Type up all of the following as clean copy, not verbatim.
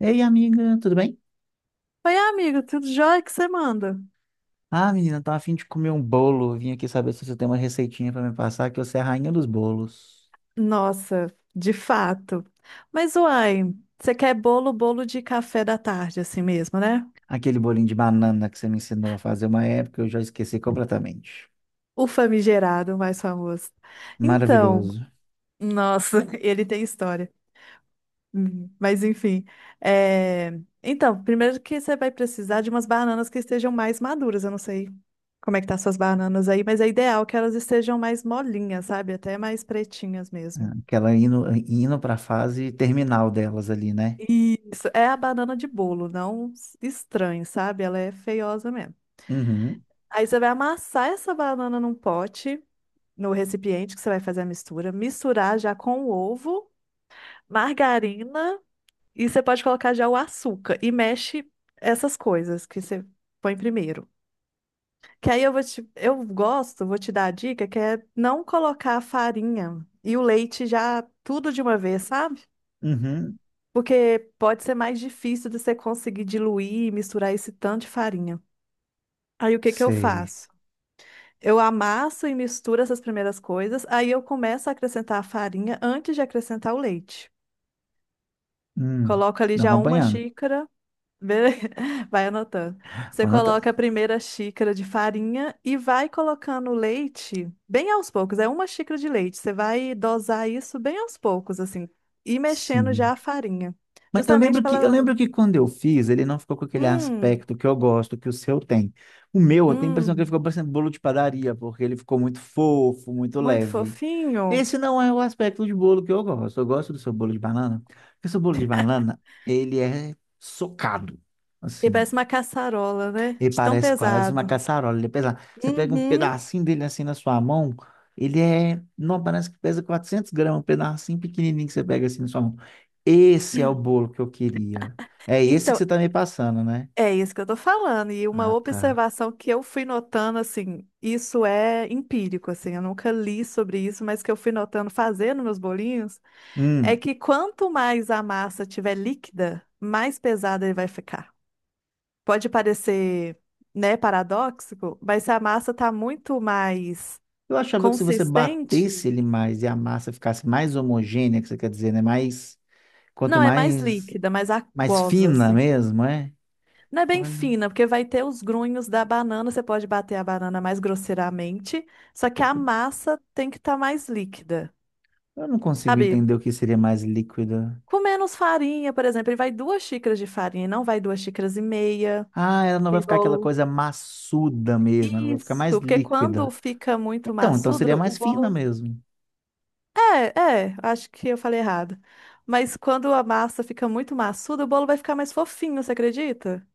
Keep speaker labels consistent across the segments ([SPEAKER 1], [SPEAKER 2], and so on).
[SPEAKER 1] Ei, amiga, tudo bem?
[SPEAKER 2] Oi, amigo, tudo jóia que você manda?
[SPEAKER 1] Ah, menina, tô a fim de comer um bolo. Vim aqui saber se você tem uma receitinha pra me passar, que você é a rainha dos bolos.
[SPEAKER 2] Nossa, de fato. Mas, uai, você quer bolo, bolo de café da tarde, assim mesmo, né?
[SPEAKER 1] Aquele bolinho de banana que você me ensinou a fazer uma época, eu já esqueci completamente.
[SPEAKER 2] O famigerado mais famoso. Então,
[SPEAKER 1] Maravilhoso.
[SPEAKER 2] nossa, ele tem história. Mas, enfim. é, Então, primeiro que você vai precisar de umas bananas que estejam mais maduras. Eu não sei como é que tá suas bananas aí, mas é ideal que elas estejam mais molinhas, sabe? Até mais pretinhas mesmo.
[SPEAKER 1] Aquela indo pra fase terminal delas ali, né?
[SPEAKER 2] Isso, é a banana de bolo, não estranho, sabe? Ela é feiosa mesmo.
[SPEAKER 1] Uhum,
[SPEAKER 2] Aí você vai amassar essa banana num pote, no recipiente que você vai fazer a mistura, misturar já com o ovo, margarina e você pode colocar já o açúcar e mexe essas coisas que você põe primeiro. Que aí eu vou te, eu gosto, vou te dar a dica que é não colocar a farinha e o leite já tudo de uma vez, sabe?
[SPEAKER 1] uhum,
[SPEAKER 2] Porque pode ser mais difícil de você conseguir diluir e misturar esse tanto de farinha. Aí o que que eu
[SPEAKER 1] sei.
[SPEAKER 2] faço? Eu amasso e misturo essas primeiras coisas, aí eu começo a acrescentar a farinha antes de acrescentar o leite.
[SPEAKER 1] Hum,
[SPEAKER 2] Coloco ali
[SPEAKER 1] tô
[SPEAKER 2] já uma
[SPEAKER 1] acompanhando,
[SPEAKER 2] xícara, bele- vai anotando. Você
[SPEAKER 1] vou anotando.
[SPEAKER 2] coloca a primeira xícara de farinha e vai colocando o leite bem aos poucos. É uma xícara de leite. Você vai dosar isso bem aos poucos, assim, e mexendo
[SPEAKER 1] Sim.
[SPEAKER 2] já a farinha.
[SPEAKER 1] Mas eu
[SPEAKER 2] Justamente
[SPEAKER 1] lembro que,
[SPEAKER 2] para
[SPEAKER 1] eu
[SPEAKER 2] ela.
[SPEAKER 1] lembro que quando eu fiz, ele não ficou com aquele
[SPEAKER 2] Hum,
[SPEAKER 1] aspecto que eu gosto, que o seu tem. O meu, eu tenho a impressão que ele
[SPEAKER 2] hum.
[SPEAKER 1] ficou parecendo bolo de padaria, porque ele ficou muito fofo, muito
[SPEAKER 2] Muito
[SPEAKER 1] leve.
[SPEAKER 2] fofinho.
[SPEAKER 1] Esse não é o aspecto de bolo que eu gosto. Eu gosto do seu bolo de banana, porque o seu bolo de banana, ele é socado.
[SPEAKER 2] E
[SPEAKER 1] Assim,
[SPEAKER 2] parece uma caçarola, né?
[SPEAKER 1] ele
[SPEAKER 2] De tão
[SPEAKER 1] parece quase uma
[SPEAKER 2] pesado.
[SPEAKER 1] caçarola, ele pesa. Você pega um
[SPEAKER 2] Uhum.
[SPEAKER 1] pedacinho dele assim na sua mão, ele é, não, parece que pesa 400 gramas, um pedacinho pequenininho que você pega assim na sua mão. Esse é o bolo que eu queria. É esse que
[SPEAKER 2] Então,
[SPEAKER 1] você tá me passando, né?
[SPEAKER 2] é isso que eu tô falando. E uma
[SPEAKER 1] Ah, tá.
[SPEAKER 2] observação que eu fui notando, assim, isso é empírico, assim, eu nunca li sobre isso, mas que eu fui notando fazendo meus bolinhos, é
[SPEAKER 1] Hum,
[SPEAKER 2] que quanto mais a massa tiver líquida, mais pesada ele vai ficar. Pode parecer, né, paradóxico, mas se a massa tá muito mais
[SPEAKER 1] eu achava que se você
[SPEAKER 2] consistente,
[SPEAKER 1] batesse ele mais e a massa ficasse mais homogênea, que você quer dizer, né? Mais, quanto
[SPEAKER 2] não, é mais
[SPEAKER 1] mais,
[SPEAKER 2] líquida, mais
[SPEAKER 1] mais
[SPEAKER 2] aquosa,
[SPEAKER 1] fina
[SPEAKER 2] assim.
[SPEAKER 1] mesmo, é?
[SPEAKER 2] Não é bem
[SPEAKER 1] Olha,
[SPEAKER 2] fina, porque vai ter os grunhos da banana, você pode bater a banana mais grosseiramente, só que a massa tem que estar mais líquida,
[SPEAKER 1] eu não consigo
[SPEAKER 2] sabe?
[SPEAKER 1] entender o que seria mais líquida.
[SPEAKER 2] Com menos farinha, por exemplo, ele vai 2 xícaras de farinha, não vai 2 xícaras e meia.
[SPEAKER 1] Ah, ela não vai
[SPEAKER 2] Tem
[SPEAKER 1] ficar aquela
[SPEAKER 2] bolo.
[SPEAKER 1] coisa maçuda mesmo, ela vai ficar
[SPEAKER 2] Isso,
[SPEAKER 1] mais
[SPEAKER 2] porque quando
[SPEAKER 1] líquida.
[SPEAKER 2] fica muito
[SPEAKER 1] Então seria
[SPEAKER 2] maçudo, o
[SPEAKER 1] mais fina
[SPEAKER 2] bolo.
[SPEAKER 1] mesmo.
[SPEAKER 2] É, é, acho que eu falei errado. Mas quando a massa fica muito maçuda, o bolo vai ficar mais fofinho, você acredita?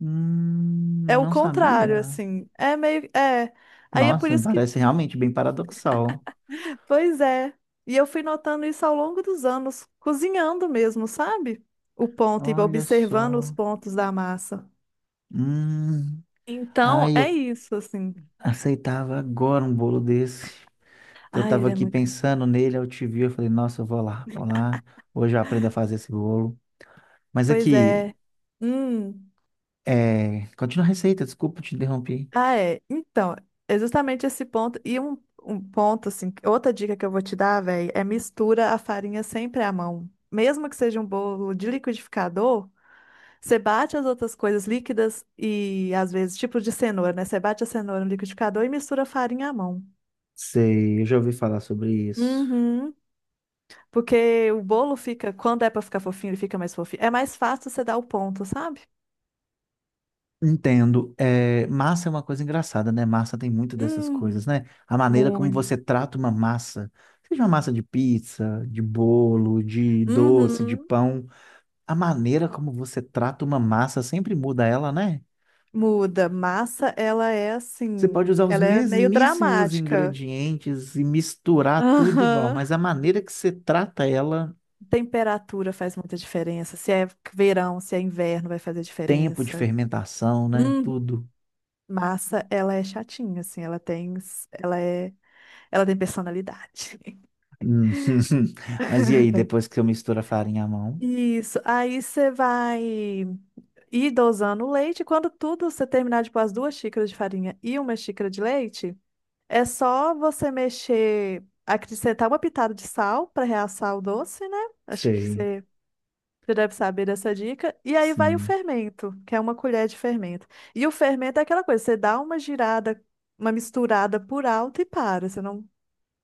[SPEAKER 2] É o
[SPEAKER 1] Não
[SPEAKER 2] contrário,
[SPEAKER 1] sabia.
[SPEAKER 2] assim. É meio. É. Aí é por
[SPEAKER 1] Nossa,
[SPEAKER 2] isso que.
[SPEAKER 1] parece realmente bem paradoxal.
[SPEAKER 2] Pois é. E eu fui notando isso ao longo dos anos, cozinhando mesmo, sabe? O ponto e
[SPEAKER 1] Olha
[SPEAKER 2] observando os
[SPEAKER 1] só.
[SPEAKER 2] pontos da massa.
[SPEAKER 1] Hum,
[SPEAKER 2] Então,
[SPEAKER 1] ai,
[SPEAKER 2] é
[SPEAKER 1] eu
[SPEAKER 2] isso, assim.
[SPEAKER 1] aceitava agora um bolo desse. Então, eu
[SPEAKER 2] Ai,
[SPEAKER 1] tava
[SPEAKER 2] ele é
[SPEAKER 1] aqui
[SPEAKER 2] muito.
[SPEAKER 1] pensando nele, aí eu te vi, eu falei, nossa, eu vou lá, vou lá. Hoje eu aprendo a fazer esse bolo. Mas
[SPEAKER 2] Pois
[SPEAKER 1] aqui,
[SPEAKER 2] é. Hum.
[SPEAKER 1] é... continua a receita, desculpa, te interrompi.
[SPEAKER 2] Ah, é. Então, é justamente esse ponto. E um ponto, assim, outra dica que eu vou te dar, velho, é mistura a farinha sempre à mão. Mesmo que seja um bolo de liquidificador. Você bate as outras coisas líquidas e, às vezes, tipo de cenoura, né? Você bate a cenoura no liquidificador e mistura a farinha à mão.
[SPEAKER 1] Sei, eu já ouvi falar sobre isso.
[SPEAKER 2] Uhum. Porque o bolo fica, quando é pra ficar fofinho, ele fica mais fofinho. É mais fácil você dar o ponto, sabe?
[SPEAKER 1] Entendo. É, massa é uma coisa engraçada, né? Massa tem muito dessas coisas,
[SPEAKER 2] Hum,
[SPEAKER 1] né? A maneira como
[SPEAKER 2] muito.
[SPEAKER 1] você trata uma massa, seja uma massa de pizza, de bolo, de doce, de
[SPEAKER 2] Uhum.
[SPEAKER 1] pão, a maneira como você trata uma massa sempre muda ela, né?
[SPEAKER 2] Muda. Massa, ela é
[SPEAKER 1] Você pode
[SPEAKER 2] assim,
[SPEAKER 1] usar os
[SPEAKER 2] ela é meio
[SPEAKER 1] mesmíssimos
[SPEAKER 2] dramática.
[SPEAKER 1] ingredientes e misturar tudo igual,
[SPEAKER 2] Aham.
[SPEAKER 1] mas a maneira que você trata ela,
[SPEAKER 2] Temperatura faz muita diferença. Se é verão, se é inverno, vai fazer
[SPEAKER 1] tempo de
[SPEAKER 2] diferença.
[SPEAKER 1] fermentação, né? Tudo.
[SPEAKER 2] Massa, ela é chatinha, assim, ela é, ela tem personalidade.
[SPEAKER 1] Hum. Mas e aí, depois que eu misturo a farinha à mão?
[SPEAKER 2] Isso, aí você vai ir dosando o leite. Quando tudo você terminar de pôr as 2 xícaras de farinha e uma xícara de leite, é só você mexer, acrescentar uma pitada de sal para reaçar o doce, né? Acho que
[SPEAKER 1] Sei.
[SPEAKER 2] você já deve saber dessa dica. E aí vai o
[SPEAKER 1] Sim.
[SPEAKER 2] fermento, que é uma colher de fermento. E o fermento é aquela coisa, você dá uma girada, uma misturada por alto e para. Você não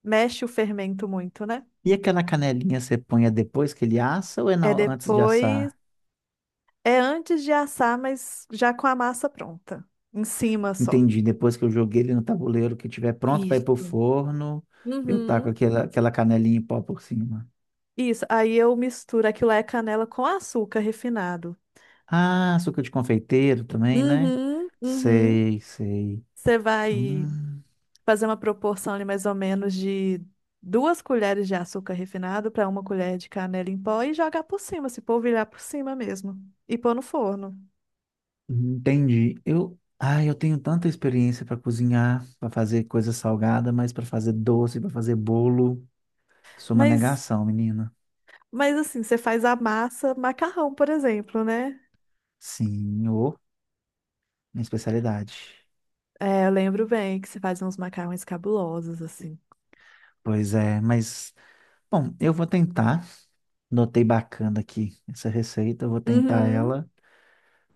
[SPEAKER 2] mexe o fermento muito, né?
[SPEAKER 1] E aquela canelinha você põe é depois que ele assa ou é
[SPEAKER 2] É
[SPEAKER 1] antes de
[SPEAKER 2] depois.
[SPEAKER 1] assar?
[SPEAKER 2] É antes de assar, mas já com a massa pronta. Em cima só.
[SPEAKER 1] Entendi. Depois que eu joguei ele no tabuleiro, que tiver pronto para ir pro
[SPEAKER 2] Isso.
[SPEAKER 1] forno, eu taco
[SPEAKER 2] Uhum.
[SPEAKER 1] aquela canelinha em pó por cima.
[SPEAKER 2] Isso. Aí eu misturo. Aquilo lá é canela com açúcar refinado.
[SPEAKER 1] Ah, açúcar de confeiteiro também, né?
[SPEAKER 2] Uhum. Uhum.
[SPEAKER 1] Sei, sei.
[SPEAKER 2] Você vai
[SPEAKER 1] Hum,
[SPEAKER 2] fazer uma proporção ali mais ou menos de 2 colheres de açúcar refinado para uma colher de canela em pó e jogar por cima, se polvilhar por cima mesmo. E pôr no forno.
[SPEAKER 1] entendi. Eu tenho tanta experiência para cozinhar, para fazer coisa salgada, mas para fazer doce, para fazer bolo, sou uma
[SPEAKER 2] Mas
[SPEAKER 1] negação, menina.
[SPEAKER 2] Mas assim, você faz a massa macarrão, por exemplo, né?
[SPEAKER 1] Sim, ô, minha especialidade.
[SPEAKER 2] É, eu lembro bem que você faz uns macarrões cabulosos, assim.
[SPEAKER 1] Pois é, mas bom, eu vou tentar. Notei bacana aqui essa receita, eu vou tentar
[SPEAKER 2] Uhum,
[SPEAKER 1] ela,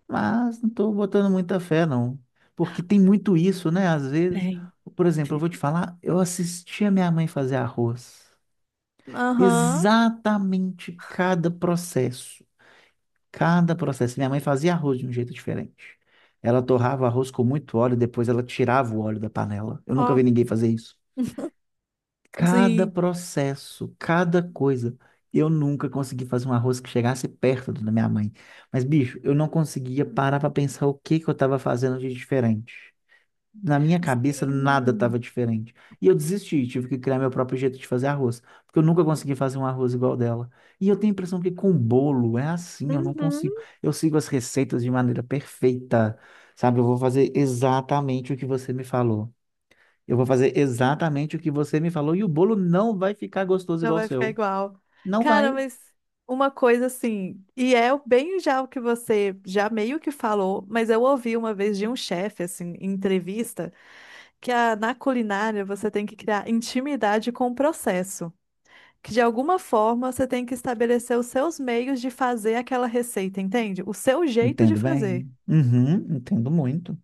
[SPEAKER 1] mas não estou botando muita fé, não. Porque tem muito isso, né? Às vezes,
[SPEAKER 2] tem.
[SPEAKER 1] por exemplo, eu vou te falar, eu assisti a minha mãe fazer arroz.
[SPEAKER 2] Aham,
[SPEAKER 1] Exatamente cada processo. Cada processo. Minha mãe fazia arroz de um jeito diferente. Ela torrava arroz com muito óleo, depois ela tirava o óleo da panela. Eu nunca
[SPEAKER 2] ó.
[SPEAKER 1] vi ninguém fazer isso. Cada
[SPEAKER 2] Sim.
[SPEAKER 1] processo, cada coisa. Eu nunca consegui fazer um arroz que chegasse perto do da minha mãe. Mas, bicho, eu não conseguia parar para pensar o que que eu estava fazendo de diferente. Na minha cabeça, nada estava
[SPEAKER 2] Sim.
[SPEAKER 1] diferente. E eu desisti, tive que criar meu próprio jeito de fazer arroz. Porque eu nunca consegui fazer um arroz igual dela. E eu tenho a impressão que com bolo é assim, eu não consigo.
[SPEAKER 2] Uhum.
[SPEAKER 1] Eu sigo as receitas de maneira perfeita, sabe? Eu vou fazer exatamente o que você me falou. Eu vou fazer exatamente o que você me falou e o bolo não vai ficar gostoso
[SPEAKER 2] Não
[SPEAKER 1] igual o
[SPEAKER 2] vai ficar
[SPEAKER 1] seu.
[SPEAKER 2] igual.
[SPEAKER 1] Não
[SPEAKER 2] Cara,
[SPEAKER 1] vai.
[SPEAKER 2] mas uma coisa assim, e é bem já o que você já meio que falou, mas eu ouvi uma vez de um chefe, assim, em entrevista, que na culinária você tem que criar intimidade com o processo. Que de alguma forma você tem que estabelecer os seus meios de fazer aquela receita, entende? O seu jeito de
[SPEAKER 1] Entendo
[SPEAKER 2] fazer.
[SPEAKER 1] bem. Uhum, entendo muito.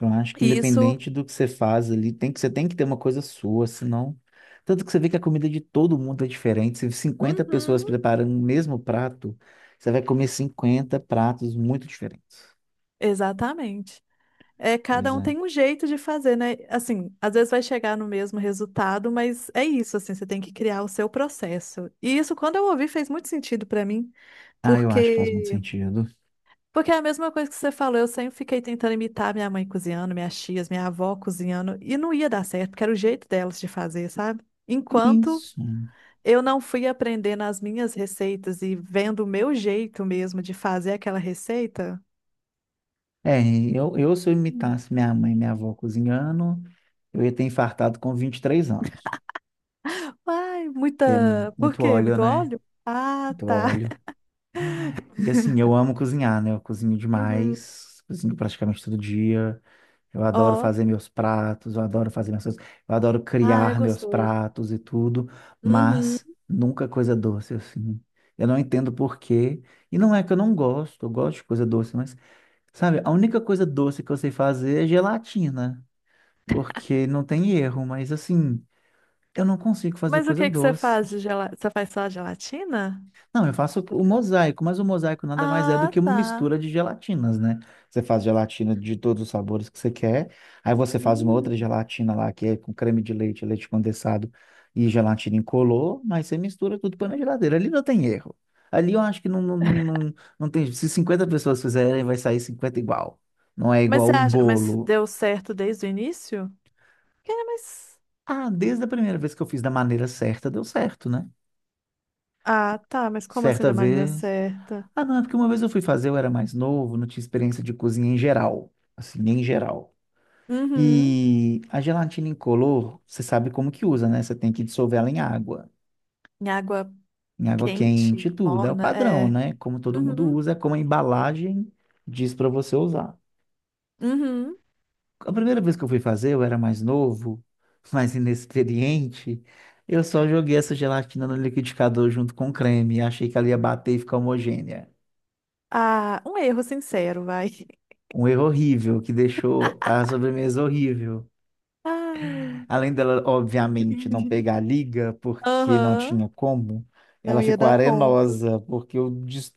[SPEAKER 1] Eu acho que
[SPEAKER 2] E isso.
[SPEAKER 1] independente do que você faz ali, tem que, você tem que ter uma coisa sua, senão. Tanto que você vê que a comida de todo mundo é diferente. Se 50 pessoas
[SPEAKER 2] Uhum.
[SPEAKER 1] preparam o mesmo prato, você vai comer 50 pratos muito diferentes.
[SPEAKER 2] Exatamente. É, cada
[SPEAKER 1] Pois
[SPEAKER 2] um
[SPEAKER 1] é.
[SPEAKER 2] tem um jeito de fazer, né? Assim, às vezes vai chegar no mesmo resultado, mas é isso, assim, você tem que criar o seu processo. E isso, quando eu ouvi, fez muito sentido pra mim,
[SPEAKER 1] Ah, eu acho que faz muito
[SPEAKER 2] porque
[SPEAKER 1] sentido.
[SPEAKER 2] porque é a mesma coisa que você falou, eu sempre fiquei tentando imitar minha mãe cozinhando, minhas tias, minha avó cozinhando, e não ia dar certo, porque era o jeito delas de fazer, sabe? Enquanto
[SPEAKER 1] Isso.
[SPEAKER 2] eu não fui aprender nas minhas receitas e vendo o meu jeito mesmo de fazer aquela receita.
[SPEAKER 1] É, eu se eu
[SPEAKER 2] Hum.
[SPEAKER 1] imitasse minha mãe e minha avó cozinhando. Eu ia ter infartado com 23 anos.
[SPEAKER 2] Ai,
[SPEAKER 1] Que é
[SPEAKER 2] muita. Por
[SPEAKER 1] muito
[SPEAKER 2] quê?
[SPEAKER 1] óleo,
[SPEAKER 2] Muito
[SPEAKER 1] né?
[SPEAKER 2] óleo? Ah,
[SPEAKER 1] Muito
[SPEAKER 2] tá.
[SPEAKER 1] óleo. E assim, eu amo cozinhar, né? Eu cozinho
[SPEAKER 2] Uhum.
[SPEAKER 1] demais. Cozinho praticamente todo dia. Eu adoro
[SPEAKER 2] Ó.
[SPEAKER 1] fazer meus pratos, eu adoro fazer minhas coisas, eu adoro
[SPEAKER 2] Ah, é
[SPEAKER 1] criar meus
[SPEAKER 2] gostoso.
[SPEAKER 1] pratos e tudo,
[SPEAKER 2] Uhum.
[SPEAKER 1] mas nunca coisa doce, assim. Eu não entendo por quê. E não é que eu não gosto, eu gosto de coisa doce, mas, sabe, a única coisa doce que eu sei fazer é gelatina, porque não tem erro, mas assim, eu não consigo fazer
[SPEAKER 2] Mas o
[SPEAKER 1] coisa
[SPEAKER 2] que que você
[SPEAKER 1] doce.
[SPEAKER 2] faz. Você faz só gelatina?
[SPEAKER 1] Não, eu faço o mosaico, mas o mosaico nada mais é do
[SPEAKER 2] Ah,
[SPEAKER 1] que uma
[SPEAKER 2] tá.
[SPEAKER 1] mistura de gelatinas, né? Você faz gelatina de todos os sabores que você quer, aí você faz uma outra
[SPEAKER 2] Hum.
[SPEAKER 1] gelatina lá, que é com creme de leite, leite condensado e gelatina incolor, mas você mistura tudo põe na geladeira. Ali não tem erro. Ali eu acho que não tem. Se 50 pessoas fizerem, vai sair 50 igual. Não é
[SPEAKER 2] Mas
[SPEAKER 1] igual
[SPEAKER 2] você
[SPEAKER 1] um
[SPEAKER 2] acha. Mas
[SPEAKER 1] bolo.
[SPEAKER 2] deu certo desde o início? Que, é, mas...
[SPEAKER 1] Ah, desde a primeira vez que eu fiz da maneira certa, deu certo, né?
[SPEAKER 2] Ah, tá. Mas como assim
[SPEAKER 1] Certa
[SPEAKER 2] da maneira
[SPEAKER 1] vez.
[SPEAKER 2] certa?
[SPEAKER 1] Ah, não, é porque uma vez eu fui fazer, eu era mais novo, não tinha experiência de cozinha em geral, assim, em geral.
[SPEAKER 2] Uhum.
[SPEAKER 1] E a gelatina incolor, você sabe como que usa, né? Você tem que dissolver ela
[SPEAKER 2] Em água
[SPEAKER 1] em água quente
[SPEAKER 2] quente,
[SPEAKER 1] e tudo. É o
[SPEAKER 2] morna, é.
[SPEAKER 1] padrão, né? Como todo mundo
[SPEAKER 2] Uhum,
[SPEAKER 1] usa, é como a embalagem diz para você usar.
[SPEAKER 2] uhum.
[SPEAKER 1] A primeira vez que eu fui fazer, eu era mais novo, mais inexperiente. Eu só joguei essa gelatina no liquidificador junto com o creme, achei que ela ia bater e ficar homogênea.
[SPEAKER 2] Ah, um erro sincero, vai.
[SPEAKER 1] Um erro horrível que deixou a sobremesa horrível.
[SPEAKER 2] Ai,
[SPEAKER 1] Além dela, obviamente, não
[SPEAKER 2] entendi.
[SPEAKER 1] pegar a liga, porque não
[SPEAKER 2] Aham,
[SPEAKER 1] tinha como, ela
[SPEAKER 2] não ia
[SPEAKER 1] ficou
[SPEAKER 2] dar ponto.
[SPEAKER 1] arenosa, porque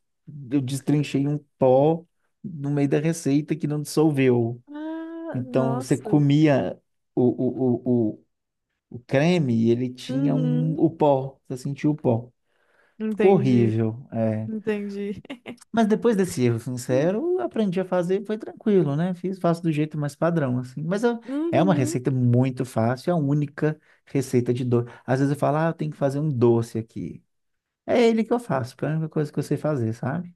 [SPEAKER 1] eu destrinchei um pó no meio da receita que não dissolveu.
[SPEAKER 2] Ah,
[SPEAKER 1] Então, você
[SPEAKER 2] nossa.
[SPEAKER 1] comia o, o, o, o, o creme e ele tinha um,
[SPEAKER 2] Uhum.
[SPEAKER 1] o pó, você sentia o pó. Ficou
[SPEAKER 2] Entendi,
[SPEAKER 1] horrível. É.
[SPEAKER 2] entendi.
[SPEAKER 1] Mas depois desse erro sincero, eu aprendi a fazer, foi tranquilo, né? Fiz, faço do jeito mais padrão, assim. É uma
[SPEAKER 2] Uhum.
[SPEAKER 1] receita muito fácil, é a única receita de doce. Às vezes eu falo, ah, eu tenho que fazer um doce aqui. É ele que eu faço, porque é a única coisa que eu sei fazer, sabe?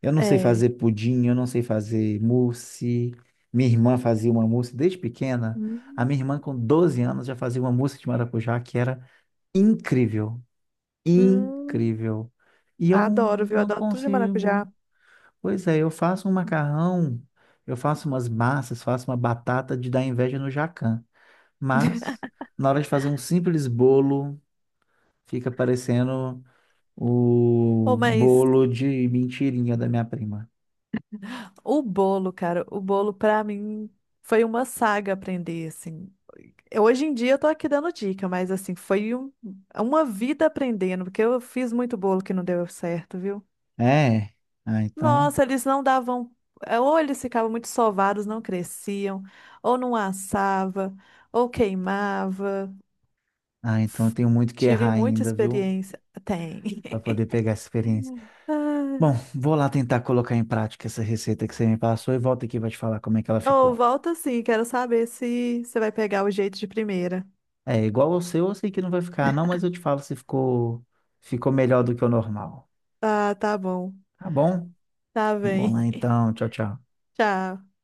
[SPEAKER 1] Eu não sei
[SPEAKER 2] É.
[SPEAKER 1] fazer pudim, eu não sei fazer mousse. Minha irmã fazia uma mousse desde pequena. A
[SPEAKER 2] Hum,
[SPEAKER 1] minha irmã, com 12 anos, já fazia uma mousse de maracujá que era incrível,
[SPEAKER 2] hum.
[SPEAKER 1] incrível. E eu
[SPEAKER 2] Adoro, viu?
[SPEAKER 1] não
[SPEAKER 2] Adoro tudo de
[SPEAKER 1] consigo.
[SPEAKER 2] maracujá.
[SPEAKER 1] Pois é, eu faço um macarrão, eu faço umas massas, faço uma batata de dar inveja no Jacan. Mas, na hora de fazer um simples bolo, fica parecendo
[SPEAKER 2] Oh,
[SPEAKER 1] o
[SPEAKER 2] mas
[SPEAKER 1] bolo de mentirinha da minha prima.
[SPEAKER 2] o bolo, cara, o bolo pra mim foi uma saga aprender, assim. Hoje em dia eu tô aqui dando dica, mas assim, foi uma vida aprendendo, porque eu fiz muito bolo que não deu certo, viu?
[SPEAKER 1] É, ah, então,
[SPEAKER 2] Nossa, eles não davam, ou eles ficavam muito sovados, não cresciam, ou não assava, ou queimava.
[SPEAKER 1] eu
[SPEAKER 2] F-
[SPEAKER 1] tenho muito que errar
[SPEAKER 2] Tive muita
[SPEAKER 1] ainda, viu?
[SPEAKER 2] experiência. Tem.
[SPEAKER 1] Para poder pegar essa experiência.
[SPEAKER 2] Ah,
[SPEAKER 1] Bom, vou lá tentar colocar em prática essa receita que você me passou e volto aqui para te falar como é que ela
[SPEAKER 2] ou
[SPEAKER 1] ficou.
[SPEAKER 2] volta, sim, quero saber se você vai pegar o jeito de primeira.
[SPEAKER 1] É, igual ao seu, eu sei que não vai ficar, não, mas eu te falo se ficou melhor do que o normal.
[SPEAKER 2] Ah, tá bom.
[SPEAKER 1] Tá bom?
[SPEAKER 2] Tá
[SPEAKER 1] Vamos lá
[SPEAKER 2] bem.
[SPEAKER 1] então. Tchau, tchau.
[SPEAKER 2] Tchau.